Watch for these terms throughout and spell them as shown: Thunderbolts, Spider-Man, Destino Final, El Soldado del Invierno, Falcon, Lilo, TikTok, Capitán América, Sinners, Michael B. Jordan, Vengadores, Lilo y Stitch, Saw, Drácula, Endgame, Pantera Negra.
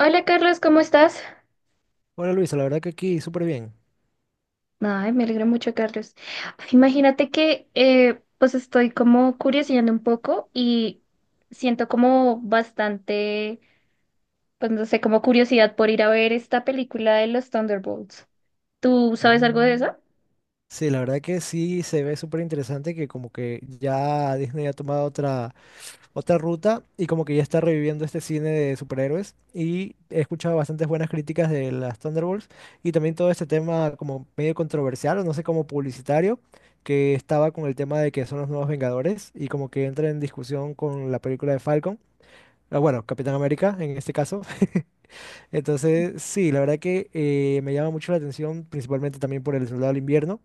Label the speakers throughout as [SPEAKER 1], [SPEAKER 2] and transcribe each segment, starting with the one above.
[SPEAKER 1] Hola Carlos, ¿cómo estás?
[SPEAKER 2] Hola Luisa, la verdad que aquí súper bien.
[SPEAKER 1] Ay, me alegra mucho, Carlos. Imagínate que pues estoy como curioseando un poco y siento como bastante, pues no sé, como curiosidad por ir a ver esta película de los Thunderbolts. ¿Tú sabes algo de
[SPEAKER 2] Mm.
[SPEAKER 1] eso?
[SPEAKER 2] Sí, la verdad que sí se ve súper interesante que como que ya Disney ha tomado otra ruta y como que ya está reviviendo este cine de superhéroes y he escuchado bastantes buenas críticas de las Thunderbolts y también todo este tema como medio controversial o no sé, como publicitario que estaba con el tema de que son los nuevos Vengadores y como que entra en discusión con la película de Falcon, ah, bueno, Capitán América en este caso. Entonces, sí, la verdad que me llama mucho la atención, principalmente también por El Soldado del Invierno.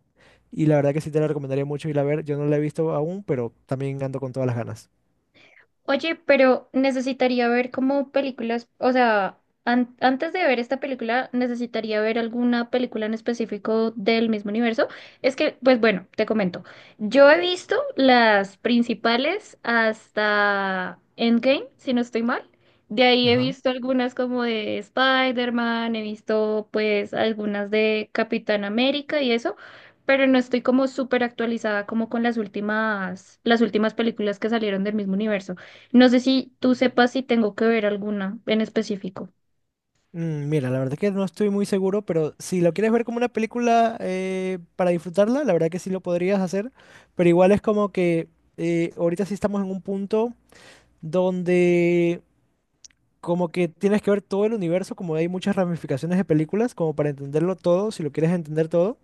[SPEAKER 2] Y la verdad que sí te la recomendaría mucho ir a ver. Yo no la he visto aún, pero también ando con todas las ganas.
[SPEAKER 1] Oye, pero necesitaría ver como películas, o sea, antes de ver esta película, necesitaría ver alguna película en específico del mismo universo. Es que, pues bueno, te comento. Yo he visto las principales hasta Endgame, si no estoy mal. De ahí he
[SPEAKER 2] Ajá.
[SPEAKER 1] visto algunas como de Spider-Man, he visto pues algunas de Capitán América y eso, pero no estoy como súper actualizada como con las últimas películas que salieron del mismo universo. No sé si tú sepas si tengo que ver alguna en específico.
[SPEAKER 2] Mm, mira, la verdad que no estoy muy seguro, pero si lo quieres ver como una película para disfrutarla, la verdad que sí lo podrías hacer. Pero igual es como que ahorita sí estamos en un punto donde como que tienes que ver todo el universo, como hay muchas ramificaciones de películas, como para entenderlo todo, si lo quieres entender todo.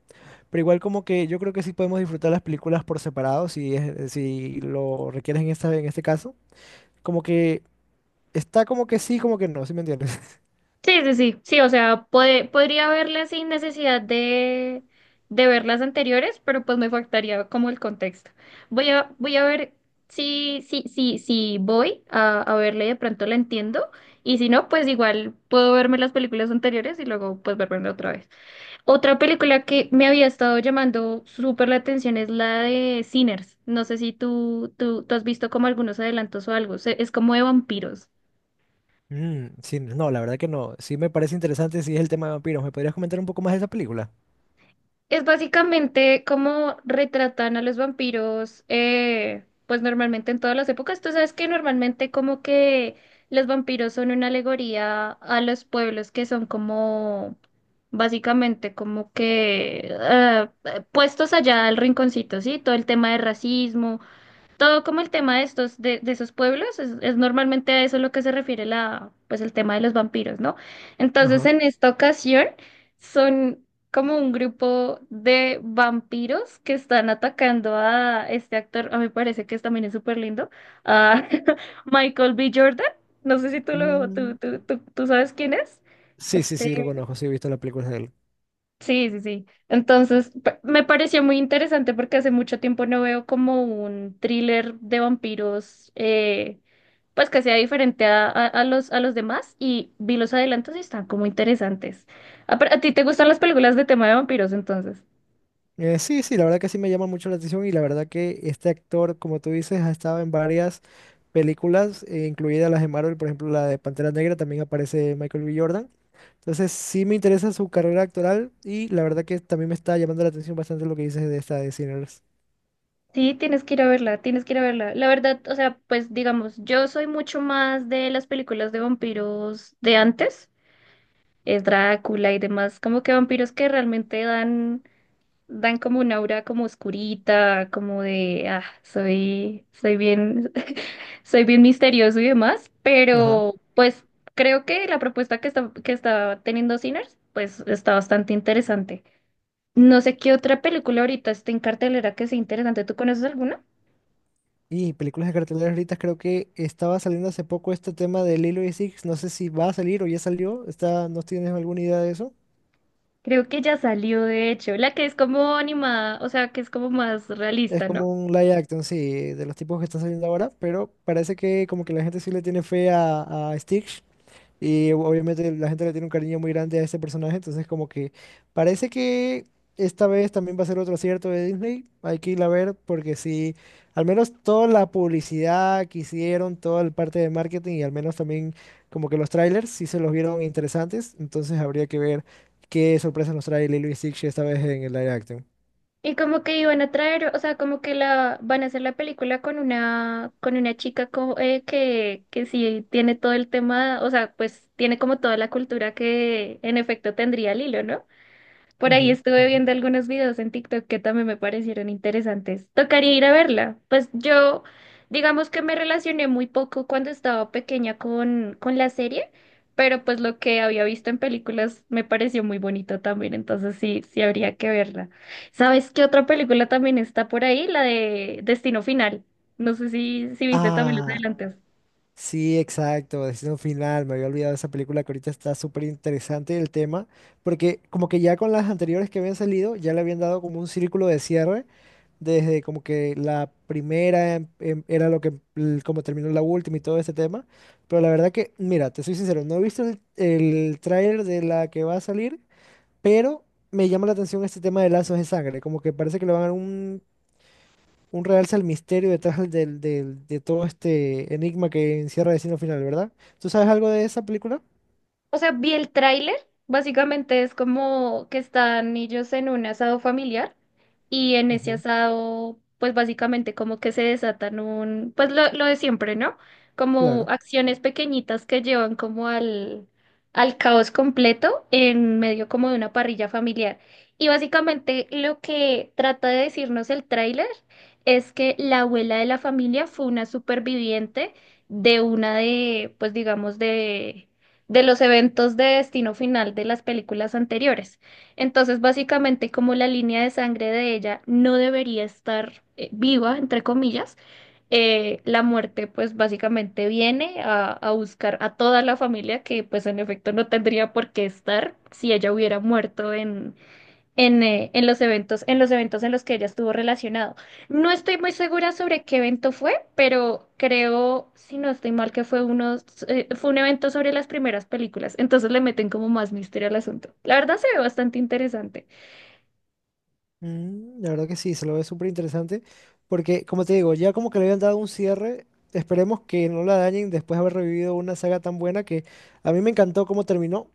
[SPEAKER 2] Pero igual como que yo creo que sí podemos disfrutar las películas por separado, si es, si lo requieres en esta, en este caso. Como que está como que sí, como que no, ¿sí me entiendes?
[SPEAKER 1] Sí, sí, sí, sí, o sea, podría verla sin necesidad de ver las anteriores, pero pues me faltaría como el contexto. Voy a ver si voy a verla y de pronto la entiendo, y si no, pues igual puedo verme las películas anteriores y luego pues verme otra vez. Otra película que me había estado llamando súper la atención es la de Sinners. No sé si tú has visto como algunos adelantos o algo. Es como de vampiros.
[SPEAKER 2] Mm, sí, no, la verdad que no. Sí me parece interesante si es el tema de vampiros. ¿Me podrías comentar un poco más de esa película?
[SPEAKER 1] Es básicamente como retratan a los vampiros, pues normalmente en todas las épocas. Tú sabes que normalmente como que los vampiros son una alegoría a los pueblos que son como, básicamente como que puestos allá al rinconcito, ¿sí? Todo el tema de racismo. Todo como el tema de estos, de esos pueblos, es normalmente a eso lo que se refiere la, pues el tema de los vampiros, ¿no? Entonces,
[SPEAKER 2] Ajá.
[SPEAKER 1] en esta ocasión, son como un grupo de vampiros que están atacando a este actor, a mí me parece que también es súper lindo, a Michael B. Jordan. No sé si tú lo,
[SPEAKER 2] Mm,
[SPEAKER 1] tú sabes quién es.
[SPEAKER 2] sí, sí,
[SPEAKER 1] Este,
[SPEAKER 2] sí, lo conozco, sí he visto las películas de él.
[SPEAKER 1] Sí, sí, sí. Entonces, me pareció muy interesante porque hace mucho tiempo no veo como un thriller de vampiros, pues que sea diferente a a los demás y vi los adelantos y están como interesantes. Ah, pero ¿a ti te gustan las películas de tema de vampiros entonces?
[SPEAKER 2] Sí, sí, la verdad que sí me llama mucho la atención y la verdad que este actor, como tú dices, ha estado en varias películas, incluidas las de Marvel, por ejemplo, la de Pantera Negra, también aparece Michael B. Jordan. Entonces, sí me interesa su carrera actoral y la verdad que también me está llamando la atención bastante lo que dices de esta de Sinners.
[SPEAKER 1] Sí, tienes que ir a verla, tienes que ir a verla. La verdad, o sea, pues digamos, yo soy mucho más de las películas de vampiros de antes, es Drácula y demás, como que vampiros que realmente dan como un aura como oscurita, como de, ah, soy bien, soy bien misterioso y demás,
[SPEAKER 2] Ajá.
[SPEAKER 1] pero pues creo que la propuesta que que está teniendo Sinners, pues está bastante interesante. No sé qué otra película ahorita está en cartelera que sea interesante. ¿Tú conoces alguna?
[SPEAKER 2] Y películas de cartelera ahorita creo que estaba saliendo hace poco este tema de Lilo y Six, no sé si va a salir o ya salió, está, ¿no tienes alguna idea de eso?
[SPEAKER 1] Creo que ya salió, de hecho, la que es como animada, o sea, que es como más
[SPEAKER 2] Es
[SPEAKER 1] realista, ¿no?
[SPEAKER 2] como un live action, sí, de los tipos que están saliendo ahora, pero parece que como que la gente sí le tiene fe a Stitch y obviamente la gente le tiene un cariño muy grande a este personaje, entonces como que parece que esta vez también va a ser otro acierto de Disney, hay que ir a ver porque sí, al menos toda la publicidad que hicieron, toda la parte de marketing y al menos también como que los trailers sí se los vieron interesantes, entonces habría que ver qué sorpresas nos trae Lilo y Stitch esta vez en el live action.
[SPEAKER 1] Y como que iban a traer, o sea, como que la van a hacer la película con una chica que sí tiene todo el tema, o sea, pues tiene como toda la cultura que en efecto tendría Lilo, ¿no? Por ahí
[SPEAKER 2] Ujú.
[SPEAKER 1] estuve viendo algunos videos en TikTok que también me parecieron interesantes. Tocaría ir a verla. Pues yo, digamos que me relacioné muy poco cuando estaba pequeña con la serie, pero pues lo que había visto en películas me pareció muy bonito también, entonces sí, sí habría que verla. ¿Sabes qué otra película también está por ahí? La de Destino Final. No sé si viste también los
[SPEAKER 2] Ah.
[SPEAKER 1] adelantos.
[SPEAKER 2] Sí, exacto, Destino Final, me había olvidado de esa película que ahorita está súper interesante el tema, porque como que ya con las anteriores que habían salido, ya le habían dado como un círculo de cierre, desde como que la primera era lo que, como terminó la última y todo este tema, pero la verdad que, mira, te soy sincero, no he visto el tráiler de la que va a salir, pero me llama la atención este tema de lazos de sangre, como que parece que le van a dar un realce al misterio detrás de todo este enigma que encierra Destino Final, ¿verdad? ¿Tú sabes algo de esa película?
[SPEAKER 1] O sea, vi el tráiler, básicamente es como que están ellos en un asado familiar y en ese
[SPEAKER 2] Ujú.
[SPEAKER 1] asado, pues básicamente como que se desatan un, pues lo de siempre, ¿no? Como
[SPEAKER 2] Claro.
[SPEAKER 1] acciones pequeñitas que llevan como al, al caos completo en medio como de una parrilla familiar. Y básicamente lo que trata de decirnos el tráiler es que la abuela de la familia fue una superviviente de una pues digamos, de los eventos de destino final de las películas anteriores. Entonces, básicamente, como la línea de sangre de ella no debería estar viva, entre comillas, la muerte, pues básicamente viene a buscar a toda la familia que, pues en efecto, no tendría por qué estar si ella hubiera muerto en los eventos, en los eventos en los que ella estuvo relacionado. No estoy muy segura sobre qué evento fue, pero creo, si no estoy mal, que fue uno, fue un evento sobre las primeras películas. Entonces le meten como más misterio al asunto. La verdad se ve bastante interesante.
[SPEAKER 2] Mm, la verdad que sí, se lo ve súper interesante, porque como te digo, ya como que le habían dado un cierre, esperemos que no la dañen después de haber revivido una saga tan buena que a mí me encantó cómo terminó,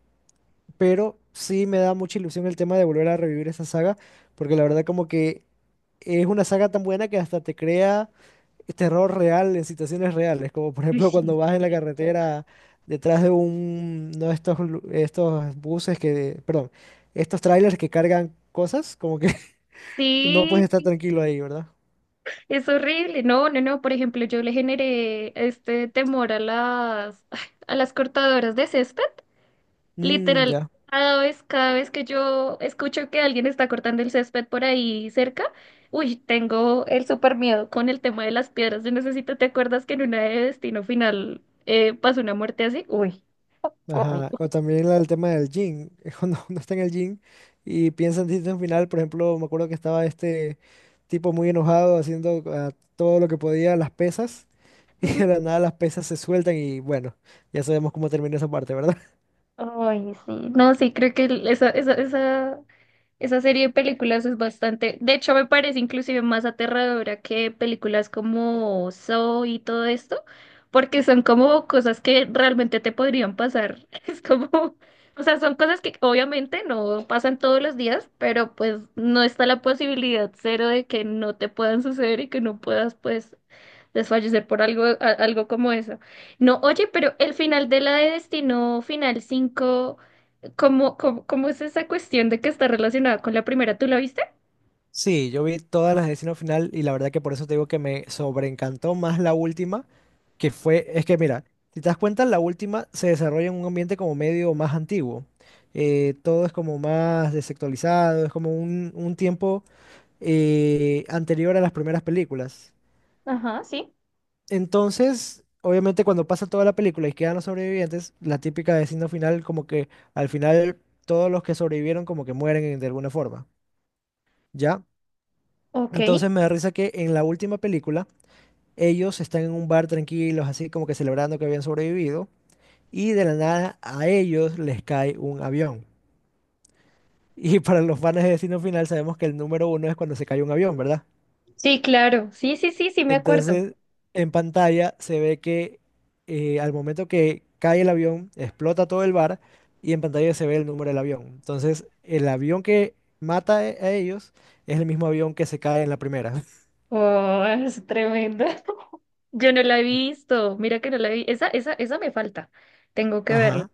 [SPEAKER 2] pero sí me da mucha ilusión el tema de volver a revivir esa saga, porque la verdad como que es una saga tan buena que hasta te crea terror real en situaciones reales, como por
[SPEAKER 1] Uy,
[SPEAKER 2] ejemplo
[SPEAKER 1] sí,
[SPEAKER 2] cuando
[SPEAKER 1] es
[SPEAKER 2] vas en la
[SPEAKER 1] cierto.
[SPEAKER 2] carretera detrás de un, no estos, estos buses que, perdón, estos trailers que cargan cosas, como que no
[SPEAKER 1] Sí,
[SPEAKER 2] puedes estar
[SPEAKER 1] sí,
[SPEAKER 2] tranquilo ahí, ¿verdad?
[SPEAKER 1] es horrible. No, no, no. Por ejemplo, yo le generé este temor a las, ay, a las cortadoras de césped.
[SPEAKER 2] Mm,
[SPEAKER 1] Literal,
[SPEAKER 2] ya.
[SPEAKER 1] cada vez que yo escucho que alguien está cortando el césped por ahí cerca, uy, tengo el súper miedo con el tema de las piedras. Yo necesito, ¿te acuerdas que en una de Destino Final pasó una muerte así? Uy.
[SPEAKER 2] Ajá. O también el tema del gym, es cuando uno está en el gym y piensa en Destino Final, por ejemplo, me acuerdo que estaba este tipo muy enojado haciendo todo lo que podía las pesas y de
[SPEAKER 1] Ujú.
[SPEAKER 2] la nada las pesas se sueltan y bueno, ya sabemos cómo termina esa parte, ¿verdad?
[SPEAKER 1] Ay, sí. No, sí, creo que esa. Esa serie de películas es bastante, de hecho me parece inclusive más aterradora que películas como Saw y todo esto, porque son como cosas que realmente te podrían pasar. Es como, o sea, son cosas que obviamente no pasan todos los días, pero pues no está la posibilidad cero de que no te puedan suceder y que no puedas pues desfallecer por algo, algo como eso. No, oye, pero el final de la de Destino Final 5. Cómo es esa cuestión de que está relacionada con la primera? ¿Tú la viste?
[SPEAKER 2] Sí, yo vi todas las de Final y la verdad que por eso te digo que me sobreencantó más la última, que fue, es que mira, si te das cuenta, la última se desarrolla en un ambiente como medio más antiguo. Todo es como más desactualizado, es como un tiempo anterior a las primeras películas.
[SPEAKER 1] Ajá, sí.
[SPEAKER 2] Entonces, obviamente cuando pasa toda la película y quedan los sobrevivientes, la típica de Final como que al final todos los que sobrevivieron como que mueren de alguna forma, ¿ya?
[SPEAKER 1] Ok.
[SPEAKER 2] Entonces me da risa que en la última película ellos están en un bar tranquilos, así como que celebrando que habían sobrevivido, y de la nada a ellos les cae un avión. Y para los fans de Destino Final sabemos que el número uno es cuando se cae un avión, ¿verdad?
[SPEAKER 1] Sí, claro. Sí, sí, sí, sí, me acuerdo.
[SPEAKER 2] Entonces, en pantalla se ve que al momento que cae el avión, explota todo el bar y en pantalla se ve el número del avión. Entonces, el avión que mata a ellos es el mismo avión que se cae en la primera.
[SPEAKER 1] Oh, es tremendo. Yo no la he visto. Mira que no la vi. Esa me falta. Tengo que verla.
[SPEAKER 2] Ajá.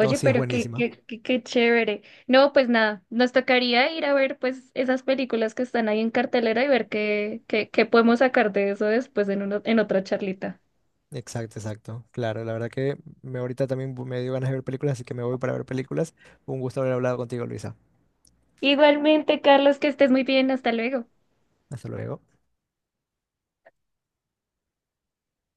[SPEAKER 2] No, sí, es
[SPEAKER 1] pero qué,
[SPEAKER 2] buenísima.
[SPEAKER 1] qué chévere. No, pues nada, nos tocaría ir a ver pues esas películas que están ahí en cartelera y ver qué, qué podemos sacar de eso después en, en otra charlita.
[SPEAKER 2] Exacto, exacto. Claro, la verdad que me ahorita también me dio ganas de ver películas, así que me voy para ver películas. Un gusto haber hablado contigo, Luisa.
[SPEAKER 1] Igualmente, Carlos, que estés muy bien. Hasta luego.
[SPEAKER 2] Hasta luego.